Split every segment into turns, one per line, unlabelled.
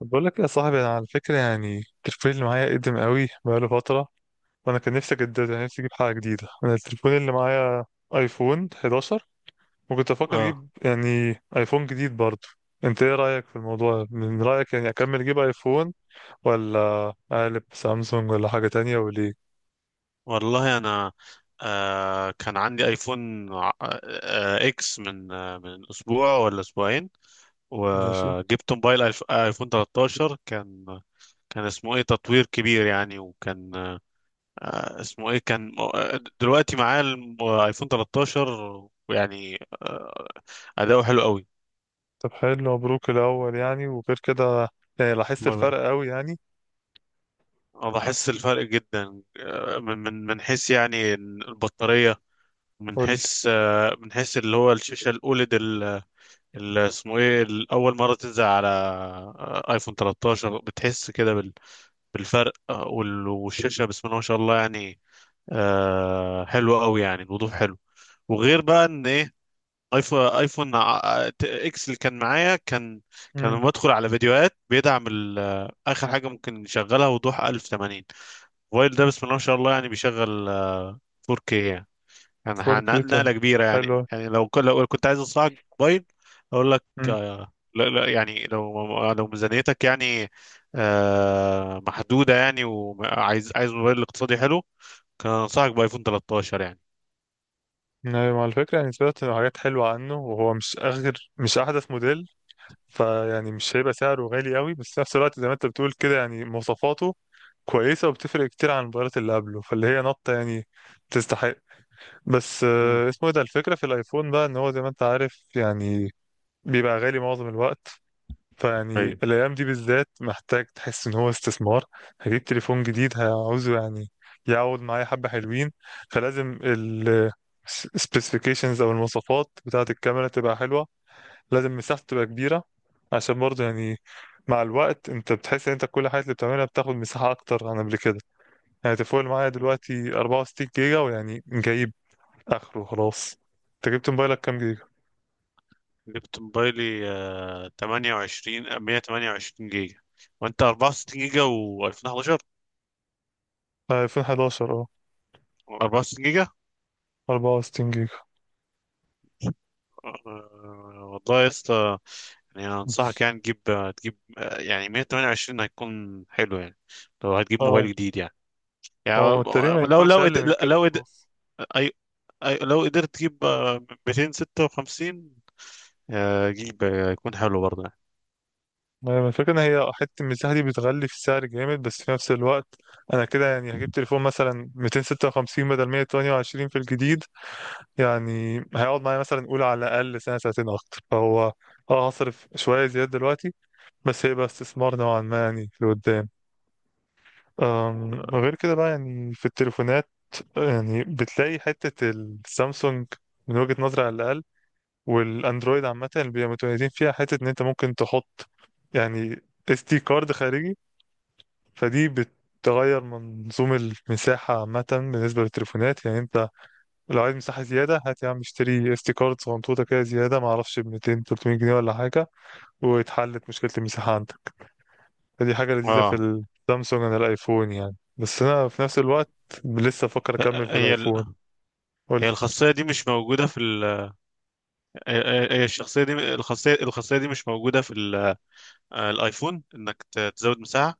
طب، بقول لك يا صاحبي، انا على فكره يعني التليفون اللي معايا قديم قوي بقاله فتره. وانا كان نفسي اجدده، يعني نفسي اجيب حاجه جديده. انا التليفون اللي معايا ايفون 11، وكنت افكر
اه،
اجيب يعني ايفون جديد برضه. انت ايه رايك في الموضوع؟ من رايك يعني اكمل اجيب ايفون، ولا اقلب سامسونج ولا حاجه تانية؟ وليه؟
والله انا كان عندي ايفون اكس من من اسبوع ولا اسبوعين.
ماشي.
وجبت موبايل ايفون 13. كان اسمه ايه تطوير كبير يعني. وكان اسمه ايه، كان دلوقتي معاه ايفون 13، ويعني اداؤه حلو قوي.
طب حلو، مبروك الاول يعني. وغير كده، يعني لاحظت
الله يبارك.
الفرق قوي يعني؟
اه، بحس الفرق جدا، من حيث يعني البطارية، من
قول لي.
حيث اللي هو الشاشة الأوليد. اسمه ايه، اول مره تنزل على ايفون 13 بتحس كده بالفرق. والشاشه بسم الله ما شاء الله يعني، حلوه قوي يعني، الوضوح حلو. وغير بقى ان ايه، اكس اللي كان معايا، كان لما
امم.
بدخل على فيديوهات بيدعم اخر حاجه ممكن يشغلها وضوح 1080. الموبايل ده بسم الله ما شاء الله يعني بيشغل 4K يعني. كان
4K؟ طب
نقلة كبيرة يعني.
حلو.
يعني لو كنت عايز أصنع موبايل، أقول لك لا لا، يعني لو ميزانيتك يعني محدودة، يعني وعايز موبايل اقتصادي حلو، كان أنصحك بآيفون 13 يعني.
نعم، على فكرة يعني سمعت حاجات حلوة عنه، وهو مش آخر مش أحدث موديل، فيعني مش هيبقى سعره غالي قوي، بس في نفس الوقت زي ما أنت بتقول كده يعني مواصفاته كويسة، وبتفرق كتير عن الموبايلات اللي قبله فاللي هي نطة يعني تستحق. بس
مم.
اسمه إيه ده، الفكرة في الآيفون بقى إن هو زي ما أنت عارف يعني بيبقى غالي معظم الوقت. فيعني
طيب.
الأيام دي بالذات محتاج تحس إن هو استثمار. هجيب تليفون جديد هعوزه يعني يقعد معايا حبة حلوين. فلازم ال specifications أو المواصفات بتاعة الكاميرا تبقى حلوة. لازم مساحته تبقى كبيرة، عشان برضه يعني مع الوقت انت بتحس ان انت كل حاجة اللي بتعملها بتاخد مساحة أكتر عن قبل كده. يعني تليفون اللي معايا دلوقتي 64 جيجا، ويعني جايب آخره خلاص. انت جبت موبايلك كام جيجا؟
جبت موبايلي 28 128 جيجا. وأنت 64 جيجا و2011؟
2011، اه.
64 جيجا
64 جيجا.
والله يا اسطى. يعني أنا انصحك يعني تجيب، يعني 128 هيكون حلو يعني، لو هتجيب موبايل
اه،
جديد يعني. يعني
هو تقريبا ما
لو
ينفعش
لو قد-
اقل من كده
لو قد-
خلاص.
أي أي لو قدرت تجيب 256، جيب يكون حلو برضه يعني.
ما هي الفكره ان هي حته المساحه دي بتغلي في السعر جامد، بس في نفس الوقت انا كده يعني هجيب تليفون مثلا 256 بدل 128 في الجديد. يعني هيقعد معايا مثلا نقول على الاقل سنه سنتين اكتر، فهو اه هصرف شويه زياده دلوقتي بس هيبقى استثمار نوعا ما يعني في قدام. غير كده بقى، يعني في التليفونات يعني بتلاقي حته السامسونج، من وجهه نظري على الاقل، والاندرويد عامه بيبقى متميزين فيها، حته ان انت ممكن تحط يعني اس دي كارد خارجي. فدي بتغير منظوم المساحه عامه بالنسبه للتليفونات، يعني انت لو عايز مساحه زياده هات يا عم اشتري اس دي كارد صغنطوطه كده زياده ما اعرفش ب 200 300 جنيه ولا حاجه، واتحلت مشكله المساحه عندك. فدي حاجه لذيذه في
اه.
السامسونج عن الايفون يعني، بس انا في نفس الوقت لسه بفكر اكمل في
هي
الايفون.
ال-
قول لي.
هي الخاصية دي مش موجودة في ال... هي، هي الشخصية دي الخاصية دي مش موجودة في الايفون، انك تزود مساحة؟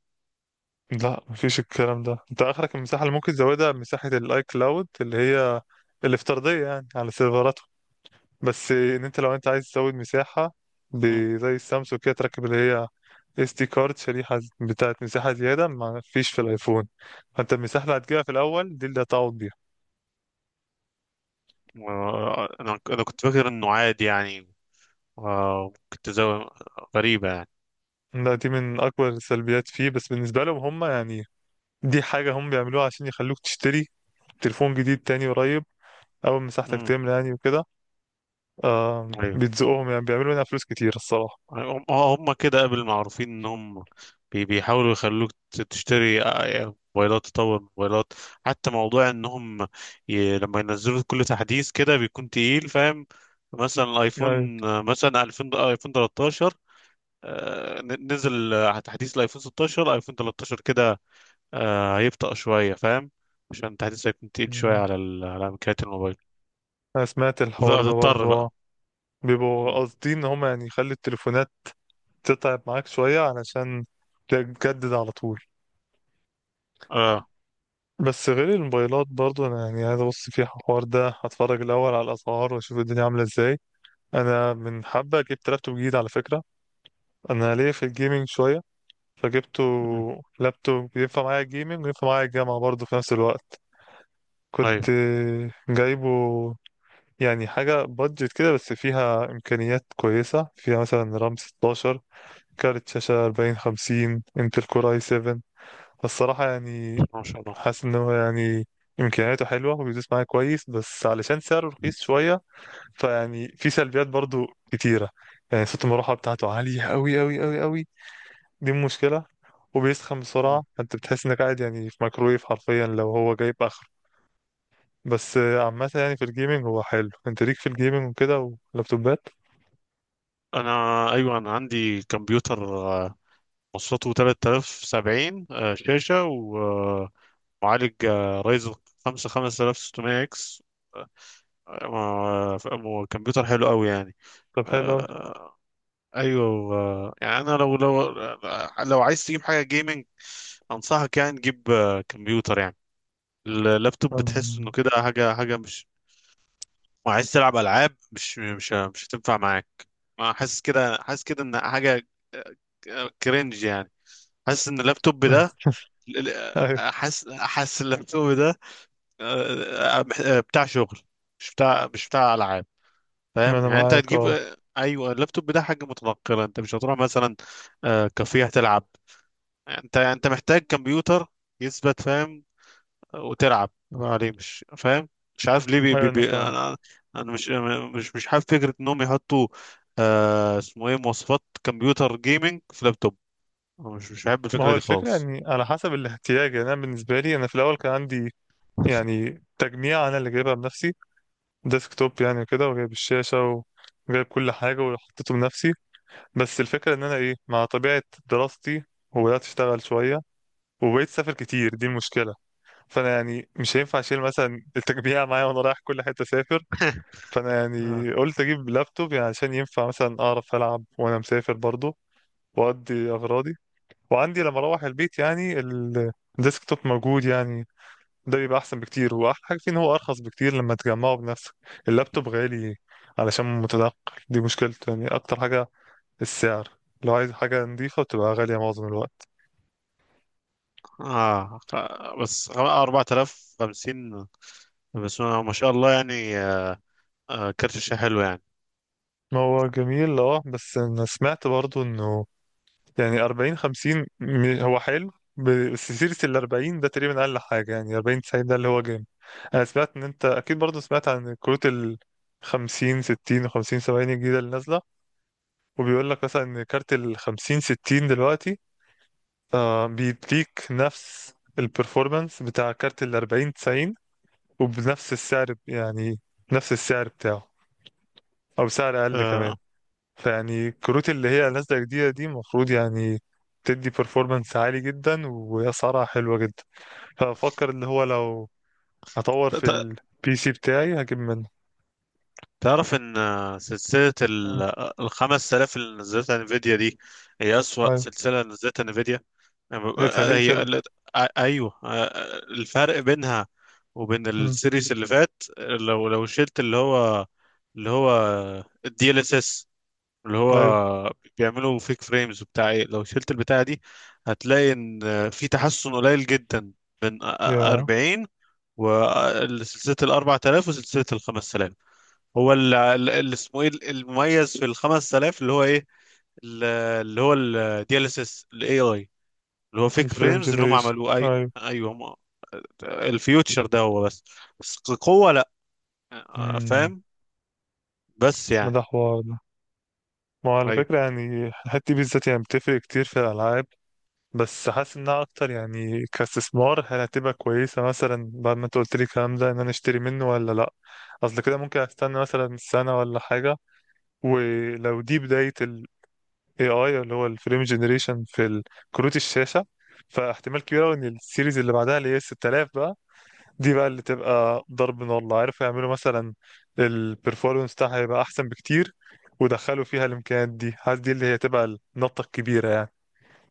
لا، مفيش الكلام ده، انت اخرك المساحه اللي ممكن تزودها مساحه الاي كلاود اللي هي الافتراضيه يعني على سيرفراته. بس ان انت لو انت عايز تزود مساحه
مم.
زي السامسونج كده تركب اللي هي اس دي كارد، شريحه بتاعت مساحه زياده، ما فيش في الايفون. فانت المساحه اللي هتجيبها في الاول دي اللي هتقعد بيها.
انا كنت فاكر انه عادي يعني، ممكن تزود. غريبة يعني.
دي من اكبر السلبيات فيه، بس بالنسبه لهم هم يعني دي حاجه هم بيعملوها عشان يخلوك تشتري تليفون جديد تاني قريب، اول مساحتك
امم
تملى يعني وكده. آه
ايوه.
بيتزقوهم يعني بيعملوا منها فلوس كتير الصراحة.
هم كده قبل معروفين ان هم بيحاولوا يخلوك تشتري موبايلات، تطور موبايلات. حتى موضوع انهم لما ينزلوا كل تحديث كده بيكون تقيل فاهم. مثلا
أيوة.
الايفون مثلا 2000 ايفون 13، نزل تحديث الايفون 16، ايفون 13 كده هيبطأ شوية فاهم، عشان التحديث هيكون تقيل شوية
مم.
على على امكانيات الموبايل.
أنا سمعت الحوار ده
هتضطر
برضه
بقى.
آه. بيبقوا قاصدين إن هما يعني يخلي التليفونات تتعب معاك شوية علشان تجدد على طول.
مم.
بس غير الموبايلات برضه أنا يعني عايز أبص في الحوار ده، هتفرج الأول على الأسعار وأشوف الدنيا عاملة إزاي. أنا من حبة جبت لابتوب جديد على فكرة. أنا ليا في الجيمنج شوية فجبته
مم.
لابتوب ينفع معايا الجيمنج وينفع معايا الجامعة برضه في نفس الوقت. كنت
ايوه.
جايبه يعني حاجة بادجت كده، بس فيها إمكانيات كويسة، فيها مثلا رام 16، كارت شاشة 40 50، انتل كور اي 7. فالصراحة يعني
ما شاء الله.
حاسس إن هو يعني إمكانياته حلوة وبيدوس معايا كويس، بس علشان سعره رخيص شوية فيعني في سلبيات برضو كتيرة. يعني صوت المروحة بتاعته عالية أوي أوي أوي أوي، دي مشكلة. وبيسخن
مم.
بسرعة، فأنت بتحس إنك قاعد يعني في ميكرويف حرفيا لو هو جايب آخره. بس عامة يعني في الجيمنج هو حلو، أنت ليك في الجيمنج وكده ولابتوبات.
انا ايوه، انا عندي كمبيوتر مواصفاته 3070 شاشه، ومعالج رايزر 5 5600 اكس. كمبيوتر حلو قوي يعني.
طب حلو أوي.
آه، ايوه. يعني انا لو عايز تجيب حاجه جيمنج، انصحك يعني تجيب كمبيوتر يعني. اللابتوب بتحس
أم-
انه كده حاجه، مش، وعايز تلعب العاب، مش هتنفع معاك. ما حاسس كده، ان حاجه كرنج يعني. حاسس ان اللابتوب ده،
ايوه،
حاسس اللابتوب ده آه، آه، بتاع شغل، مش بتاع العاب فاهم.
انا
يعني انت
معاك
هتجيب
اه.
ايوه، اللابتوب ده حاجه متنقله، انت مش هتروح مثلا كافيه تلعب. انت محتاج كمبيوتر يثبت فاهم، وتلعب عليه، مش فاهم مش عارف ليه. بي
ايوه
بي
انا
بي
فاهم.
انا، انا مش حابب فكره انهم يحطوا اسمه ايه مواصفات كمبيوتر جيمنج في لابتوب. أنا مش بحب
ما
الفكره
هو
دي
الفكره
خالص.
يعني على حسب الاحتياج، يعني انا بالنسبه لي انا في الاول كان عندي يعني تجميع، انا اللي جايبها بنفسي، ديسك توب يعني كده، وجايب الشاشه وجايب كل حاجه وحطيته بنفسي. بس الفكره ان انا ايه مع طبيعه دراستي، وبدات اشتغل شويه وبقيت اسافر كتير، دي المشكله. فانا يعني مش هينفع اشيل مثلا التجميع معايا وانا رايح كل حته اسافر. فانا
آه,
يعني قلت اجيب لابتوب يعني عشان ينفع مثلا اعرف العب وانا مسافر برضه واودي اغراضي، وعندي لما اروح البيت يعني الديسكتوب موجود يعني. ده بيبقى احسن بكتير، واحلى حاجه فيه ان هو ارخص بكتير لما تجمعه بنفسك. اللابتوب غالي علشان متنقل، دي مشكلته يعني، اكتر حاجه السعر. لو عايز حاجه نظيفه بتبقى غاليه معظم الوقت.
بس 4050، بس ما شاء الله يعني. كارت الشاشة حلو يعني.
ما هو جميل اه، بس انا سمعت برضو انه يعني 40 50 هو حلو، بس سيرة ال 40 ده تقريبا أقل حاجة، يعني 40 90 ده اللي هو جامد. أنا سمعت إن أنت أكيد برضه سمعت عن كروت ال 50 60 و 50 70 الجديدة اللي نازلة، وبيقول لك مثلا إن كارت ال 50 60 دلوقتي آه بيديك نفس البرفورمانس بتاع كارت ال 40 90، وبنفس السعر يعني، نفس السعر بتاعه أو سعر أقل كمان.
آه
فيعني الكروت اللي هي نازلة جديدة دي المفروض يعني تدي performance عالي جدا وأسعارها حلوة جدا، فأفكر اللي هو لو هطور في البي سي بتاعي هجيب منه.
تعرف ان سلسلة
مم.
ال 5000 اللي نزلتها انفيديا دي هي أسوأ
أيوه.
سلسلة نزلتها انفيديا.
إيه ده
آه،
ليه
هي
كده؟
قالت- ايوه، الفرق بينها وبين
مم.
السيريس اللي فات، لو شلت اللي هو، اللي هو DLSS، اللي
أيوه
هو بيعملوا فيك فريمز وبتاع ايه، لو شلت البتاعة دي هتلاقي ان في تحسن قليل جدا من
يا.
40 وسلسلة ال 4000 وسلسلة ال 5000. هو اللي اسمه ايه المميز في ال 5000 اللي هو ايه؟ ال- اللي هو DLSS AI، اللي هو فيك
الفريم
فريمز اللي هم
جنريشن.
عملوه
أيوه.
ايوه هم، الفيوتشر ده هو بس، بس قوة لا
مم.
فاهم، بس
ما
يعني.
ده حوار ده. ما هو على
ايوه.
فكرة يعني الحتة دي بالذات يعني بتفرق كتير في الألعاب. بس حاسس انها اكتر يعني كاستثمار، هل هتبقى كويسه مثلا بعد ما انت قلت لي الكلام ده ان انا اشتري منه ولا لا؟ اصل كده ممكن استنى مثلا سنه ولا حاجه. ولو دي بدايه ال AI اللي هو الفريم جنريشن في كروت الشاشه، فاحتمال كبير أوي ان السيريز اللي بعدها اللي هي 6000 بقى دي بقى اللي تبقى ضرب نار، الله عارف. يعملوا مثلا البرفورمانس بتاعها هيبقى احسن بكتير، ودخلوا فيها الامكانيات دي، حاسس دي اللي هي تبقى النطه الكبيره يعني،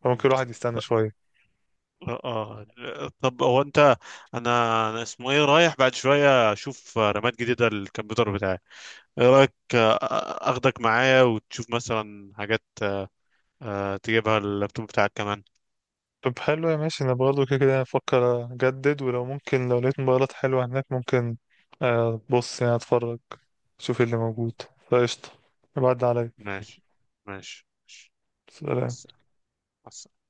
فممكن الواحد يستنى شويه.
اه. آه. طب هو انت، انا اسمه ايه رايح بعد شوية اشوف رامات جديدة للكمبيوتر بتاعي، ايه رأيك اخدك معايا وتشوف مثلا حاجات تجيبها اللابتوب بتاعك كمان؟
طب حلو يا ماشي، انا برضه كده كده افكر اجدد، ولو ممكن لو لقيت موبايلات حلوة هناك ممكن، بص يعني اتفرج، شوف إيه اللي موجود، فقشطة، بعد عليا.
ماشي، ماشي. مع
سلام.
الس- مع السلامة.